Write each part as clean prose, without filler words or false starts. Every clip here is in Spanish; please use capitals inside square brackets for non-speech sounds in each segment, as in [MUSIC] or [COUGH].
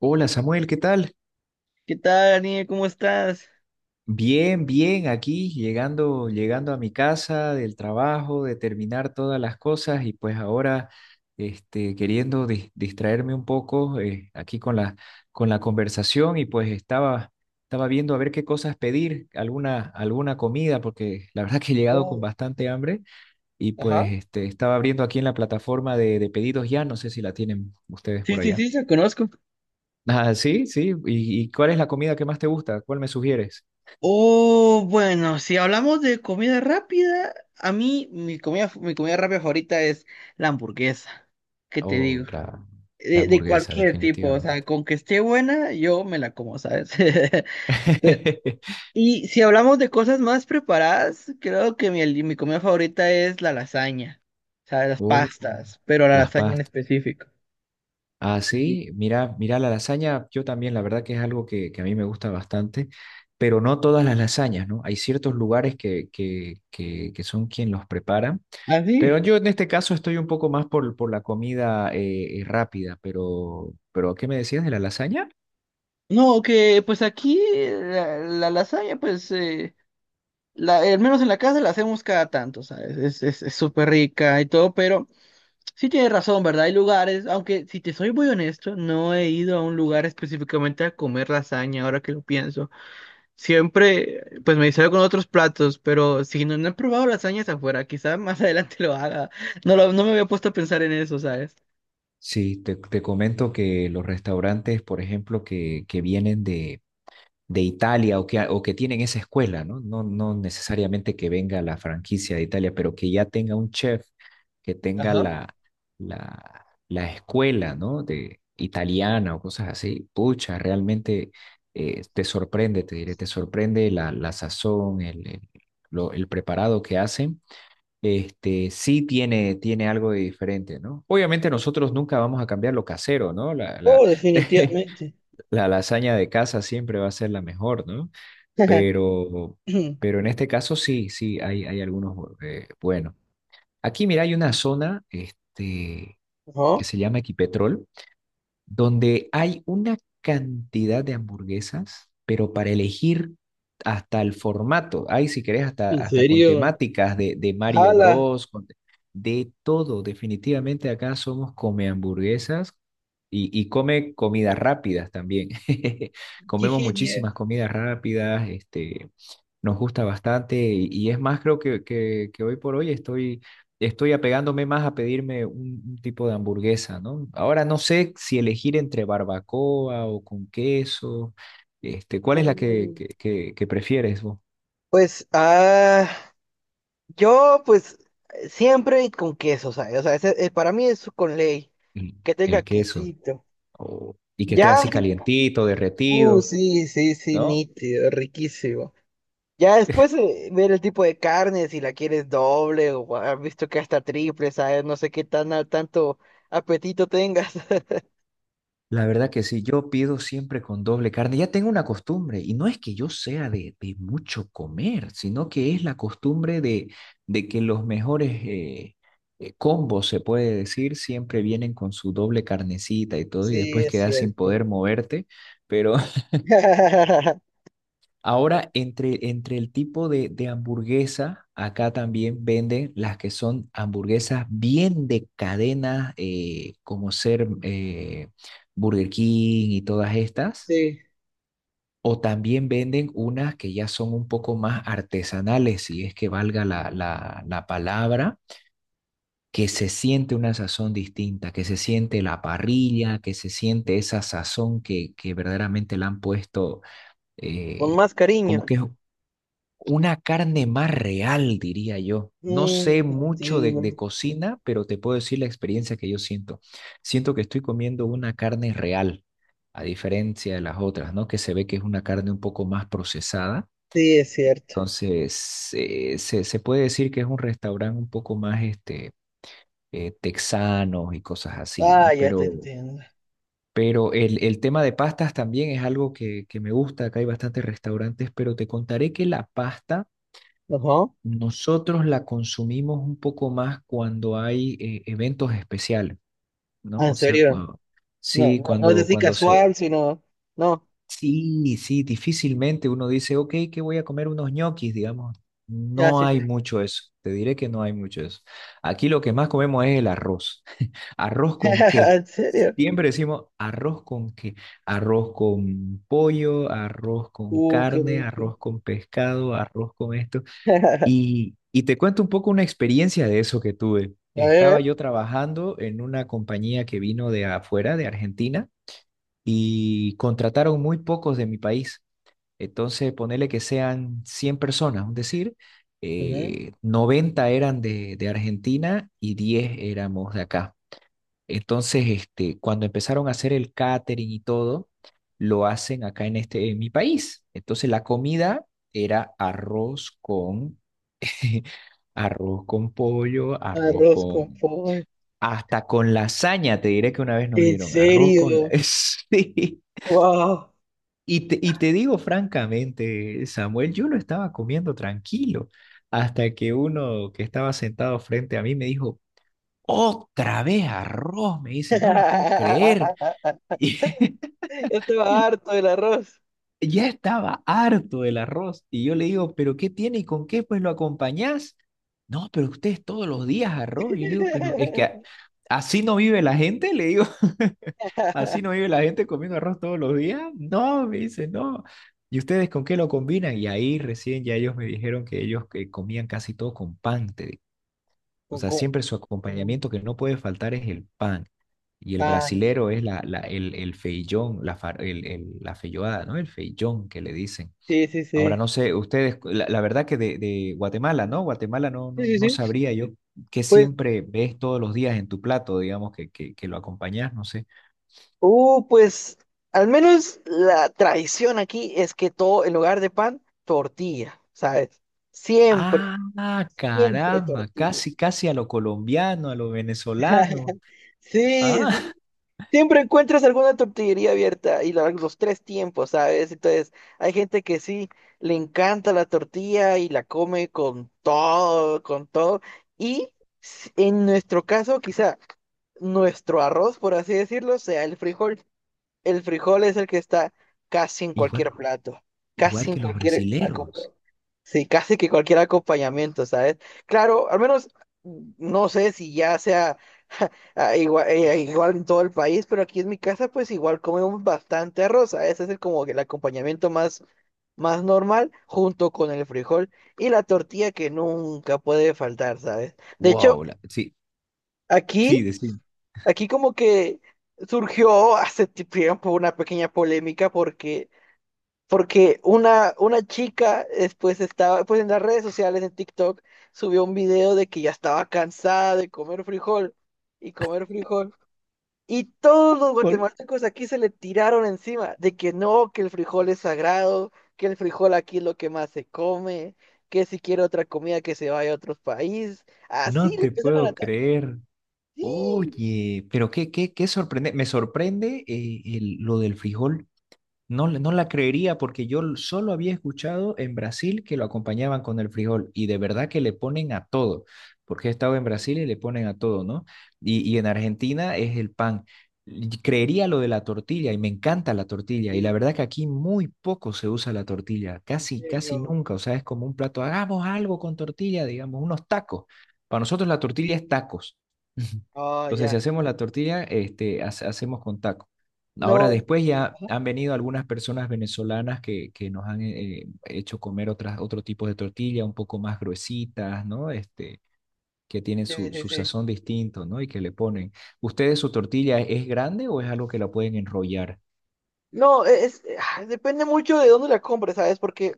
Hola Samuel, ¿qué tal? ¿Qué tal, Daniel? ¿Cómo estás? Bien, bien, aquí llegando, llegando a mi casa del trabajo, de terminar todas las cosas y pues ahora queriendo distraerme un poco aquí con la conversación y pues estaba viendo a ver qué cosas pedir, alguna comida, porque la verdad que he llegado con Oh, bastante hambre y ajá. pues estaba abriendo aquí en la plataforma de pedidos ya, no sé si la tienen ustedes Sí, por sí, allá. sí, la conozco. Ah, sí, sí. ¿Y cuál es la comida que más te gusta? ¿Cuál me sugieres? Oh, bueno, si hablamos de comida rápida, a mí mi comida rápida favorita es la hamburguesa. ¿Qué te Oh, digo? claro, la De hamburguesa, cualquier tipo, o sea, definitivamente. con que esté buena, yo me la como, ¿sabes? [LAUGHS] Pero [LAUGHS] y si hablamos de cosas más preparadas, creo que mi comida favorita es la lasaña, o sea, las Oh, pastas, pero la las lasaña en pastas. específico. Ah, Sí. sí, mira la lasaña, yo también, la verdad que es algo que a mí me gusta bastante, pero no todas las lasañas, ¿no? Hay ciertos lugares que son quien los preparan, ¿Ah, sí? pero yo en este caso estoy un poco más por la comida rápida, pero ¿qué me decías de la lasaña? No, que pues aquí la lasaña, pues, la, al menos en la casa la hacemos cada tanto, ¿sabes? Es súper rica y todo, pero sí tienes razón, ¿verdad? Hay lugares, aunque si te soy muy honesto, no he ido a un lugar específicamente a comer lasaña, ahora que lo pienso. Siempre, pues me distraigo con otros platos, pero si no, no he probado lasañas afuera, quizás [LAUGHS] más adelante lo haga. No, no me había puesto a pensar en eso, ¿sabes? Sí, te comento que los restaurantes, por ejemplo, que vienen de Italia o que tienen esa escuela, ¿no? No, no necesariamente que venga la franquicia de Italia, pero que ya tenga un chef, que tenga Ajá. la escuela, ¿no? De italiana o cosas así. Pucha, realmente te sorprende, te diré, te sorprende la sazón, el preparado que hacen. Sí tiene algo de diferente, ¿no? Obviamente nosotros nunca vamos a cambiar lo casero, ¿no? Oh, definitivamente. [LAUGHS] La lasaña de casa siempre va a ser la mejor, ¿no? [CLEARS THROAT] [LAUGHS] Ajá. Pero, pero en este caso sí, sí, hay algunos bueno. Aquí, mira, hay una zona que se llama Equipetrol, donde hay una cantidad de hamburguesas, pero para elegir hasta el formato. Hay, si querés, hasta, ¿En hasta con serio? temáticas de Mario Jala, Bros, de todo. Definitivamente acá somos come hamburguesas y come comidas rápidas también. [LAUGHS] qué Comemos genial. muchísimas comidas rápidas, nos gusta bastante y es más, creo que hoy por hoy estoy apegándome más a pedirme un tipo de hamburguesa, ¿no? Ahora no sé si elegir entre barbacoa o con queso, ¿cuál es la que, Mm, que, que, que prefieres vos? Pues, yo, pues, siempre con queso, ¿sabes? O sea, para mí es con ley, El, que tenga el queso, quesito. Y que Ya, esté así calientito, derretido, sí, sí, sí, ¿no? nítido, riquísimo. Ya después ver el tipo de carne, si la quieres doble o has visto que hasta triple, ¿sabes? No sé qué tan tanto apetito tengas. [LAUGHS] La verdad que sí, yo pido siempre con doble carne. Ya tengo una costumbre, y no es que yo sea de mucho comer, sino que es la costumbre de que los mejores combos, se puede decir, siempre vienen con su doble carnecita y todo, y Sí, después es quedas sin cierto. poder moverte. Pero [LAUGHS] [LAUGHS] ahora, entre el tipo de hamburguesa, acá también venden las que son hamburguesas bien de cadena, como ser Burger King y todas estas. Sí, O también venden unas que ya son un poco más artesanales, si es que valga la palabra, que se siente una sazón distinta, que se siente la parrilla, que se siente esa sazón que verdaderamente le han puesto, con eh, más como cariño. que es una carne más real, diría yo. No sé Te mucho de, entiendo. de cocina, pero te puedo decir la experiencia que yo siento. Siento que estoy comiendo una carne real, a diferencia de las otras, ¿no? Que se ve que es una carne un poco más procesada Sí, es cierto. entonces, se puede decir que es un restaurante un poco más texano y cosas así, Ah, ¿no? ya te Pero, entiendo. pero el tema de pastas también es algo que me gusta. Acá hay bastantes restaurantes, pero te contaré que la pasta Ajá. nosotros la consumimos un poco más cuando hay eventos especiales, Ah, ¿no? en O sea, serio. cuando, No, sí, no, no es cuando, así cuando se... casual, sino. No. Sí, sí, difícilmente uno dice, ok, que voy a comer unos ñoquis, digamos. Ya, No sí, sí. hay mucho eso, te diré que no hay mucho eso. Aquí lo que más comemos es el arroz. ¿Arroz con [LAUGHS] qué? En serio. Siempre decimos arroz con qué. Arroz con pollo, arroz con Qué carne, rico. arroz con pescado, arroz con esto. [LAUGHS] Y te cuento un poco una experiencia de eso que tuve. A Estaba ver. yo trabajando en una compañía que vino de afuera, de Argentina, y contrataron muy pocos de mi país. Entonces, ponerle que sean 100 personas, es decir, Ujú. 90 eran de Argentina y 10 éramos de acá. Entonces, cuando empezaron a hacer el catering y todo, lo hacen acá en mi país. Entonces, la comida era [LAUGHS] arroz con pollo, arroz Arroz con con... pollo. Hasta con lasaña, te diré que una vez nos En dieron arroz con la... serio. [LAUGHS] Sí. Wow. Y te digo francamente, Samuel, yo lo estaba comiendo tranquilo hasta que uno que estaba sentado frente a mí me dijo, otra vez arroz, me dice, no la puedo creer. [LAUGHS] Yo [LAUGHS] estaba Y, harto del arroz. ya estaba harto del arroz y yo le digo, pero ¿qué tiene y con qué pues lo acompañás? No, pero ustedes todos los días arroz. Y yo le digo, pero es que [LAUGHS] así no vive la gente, le digo, [LAUGHS] así no vive la gente comiendo arroz todos los días. No, me dice, no. ¿Y ustedes con qué lo combinan? Y ahí recién ya ellos me dijeron que ellos que comían casi todo con pan, te digo. O Con, sea, con- siempre su con acompañamiento que no puede faltar es el pan. Y el pan. brasilero es el feijón, la feijoada, ¿no? El feijón que le dicen. Sí, sí, Ahora sí. no sé, ustedes, la verdad que de Guatemala, ¿no? Guatemala no, Sí, no, sí, no sí. sabría yo qué Pues, siempre ves todos los días en tu plato, digamos, que lo acompañas, no sé. Pues al menos la tradición aquí es que todo en lugar de pan, tortilla, ¿sabes? Siempre, Ah, siempre caramba, tortilla. casi, casi a lo colombiano, a lo venezolano. [LAUGHS] Sí, Ah, sí. Siempre encuentras alguna tortillería abierta y los tres tiempos, ¿sabes? Entonces, hay gente que sí le encanta la tortilla y la come con todo, con todo. Y en nuestro caso, quizá nuestro arroz, por así decirlo, sea el frijol. El frijol es el que está casi en [LAUGHS] igual, cualquier plato, casi igual en que los cualquier acompa- brasileros. sí, casi que cualquier acompañamiento, ¿sabes? Claro, al menos no sé si ya sea [LAUGHS] igual en todo el país, pero aquí en mi casa pues igual comemos bastante arroz, ¿sabes? Ese es como que el acompañamiento más, más normal junto con el frijol y la tortilla que nunca puede faltar, ¿sabes? De hecho, Wow, sí, aquí, sí, decimos. aquí como que surgió [LAUGHS] hace tiempo una pequeña polémica porque una chica después estaba, pues en las redes sociales, en TikTok, subió un video de que ya estaba cansada de comer frijol. Y todos los guatemaltecos aquí se le tiraron encima de que no, que el frijol es sagrado, que el frijol aquí es lo que más se come, que si quiere otra comida que se vaya a otro país. Así No le te empezaron a puedo atacar. creer. Sí, Oye, pero qué sorprende, me sorprende lo del frijol. No, no la creería porque yo solo había escuchado en Brasil que lo acompañaban con el frijol y de verdad que le ponen a todo, porque he estado en Brasil y le ponen a todo, ¿no? Y en Argentina es el pan. Y creería lo de la tortilla y me encanta la tortilla y la sí, verdad que aquí muy poco se usa la tortilla, en casi, casi serio. nunca, o sea, es como un plato, hagamos algo con tortilla, digamos, unos tacos. Para nosotros la tortilla es tacos. [LAUGHS] Oh, Entonces, ya. si hacemos la tortilla, hacemos con tacos. Ahora, No. después ya Ajá, han venido algunas personas venezolanas que nos han hecho comer otro tipo de tortilla, un poco más gruesitas, ¿no? Que tienen sí, su, sí, su sí. sazón distinto, ¿no? Y que le ponen. ¿Ustedes su tortilla es grande o es algo que la pueden enrollar? No, es, depende mucho de dónde la compres, ¿sabes? Porque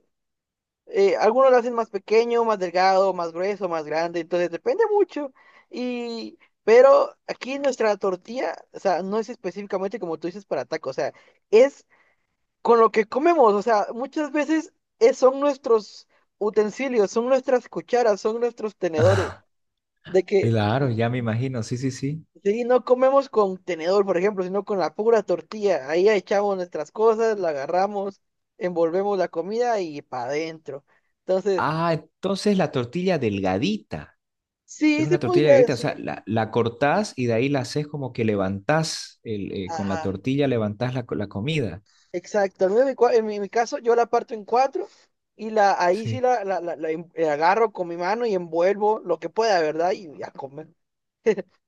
algunos la hacen más pequeño, más delgado, más grueso, más grande, entonces depende mucho. Y, pero aquí nuestra tortilla, o sea, no es específicamente como tú dices para tacos, o sea, es con lo que comemos, o sea, muchas veces son nuestros utensilios, son nuestras cucharas, son nuestros tenedores, de que Claro, ya me imagino, sí, sí, sí. sí, no comemos con tenedor, por ejemplo, sino con la pura tortilla. Ahí echamos nuestras cosas, la agarramos, envolvemos la comida y para adentro. Entonces, Ah, entonces la tortilla delgadita. Es sí, se una tortilla podría delgadita, o sea, decir. la cortás y de ahí la haces como que levantás, con la Ajá, tortilla levantás la comida. exacto. Al menos en mi, cua- en mi caso, yo la parto en cuatro y la, ahí sí la- la en- la agarro con mi mano y envuelvo lo que pueda, ¿verdad? Y a comer.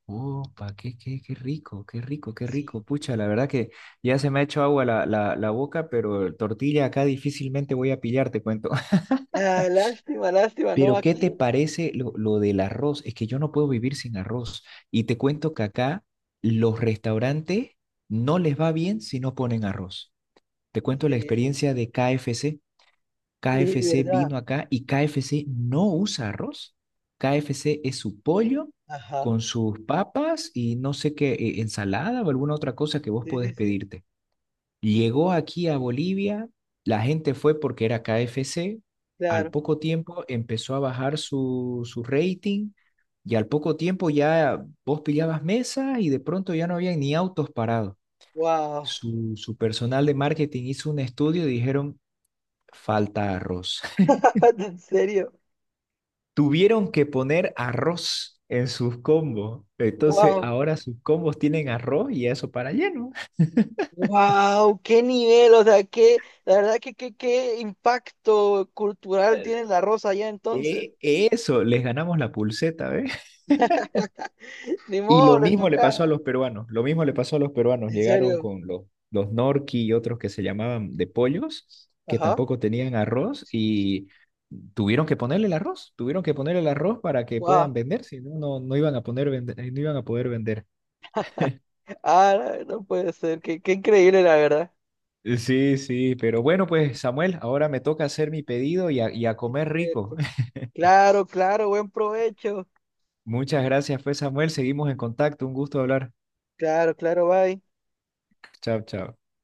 Opa, qué rico, qué rico, qué Sí. rico. Pucha, la verdad que ya se me ha hecho agua la boca, pero tortilla acá difícilmente voy a pillar, te cuento. [LAUGHS] Ah, lástima, lástima, ¿no? Pero, ¿qué te Aquí, parece lo del arroz? Es que yo no puedo vivir sin arroz. Y te cuento que acá los restaurantes no les va bien si no ponen arroz. Te en cuento la serio. experiencia de KFC. Y de KFC verdad. vino acá y KFC no usa arroz. KFC es su pollo Ajá. con sus papas y no sé qué, ensalada o alguna otra cosa que vos Sí, podés sí, sí. pedirte. Llegó aquí a Bolivia, la gente fue porque era KFC, al Claro. poco tiempo empezó a bajar su rating y al poco tiempo ya vos pillabas mesa y de pronto ya no había ni autos parados. Wow. Su personal de marketing hizo un estudio y dijeron, falta arroz. [LAUGHS] [LAUGHS] En serio, Tuvieron que poner arroz en sus combos. Entonces wow, ahora sus combos tienen arroz y eso para lleno. wow, qué nivel, o sea, qué, la verdad que qué, qué impacto cultural tiene la rosa allá entonces. Eso, les ganamos la pulseta, ¿ves? [LAUGHS] Ni Y modo, lo les mismo le pasó a tocaba. los peruanos, lo mismo le pasó a los peruanos. En Llegaron serio, con los norqui y otros que se llamaban de pollos, que ajá, tampoco tenían arroz y tuvieron que ponerle el arroz, tuvieron que ponerle el arroz para que puedan wow, vender, si no, no iban a poner no iban a poder vender. ah, no puede ser, qué, qué increíble la verdad. Sí, sí, pero bueno, pues Samuel, ahora me toca hacer mi pedido y a comer rico. Cierto. [LAUGHS] Claro, claro, buen provecho. Muchas gracias, pues Samuel, seguimos en contacto, un gusto hablar. Claro, claro, bye. Chao, chao.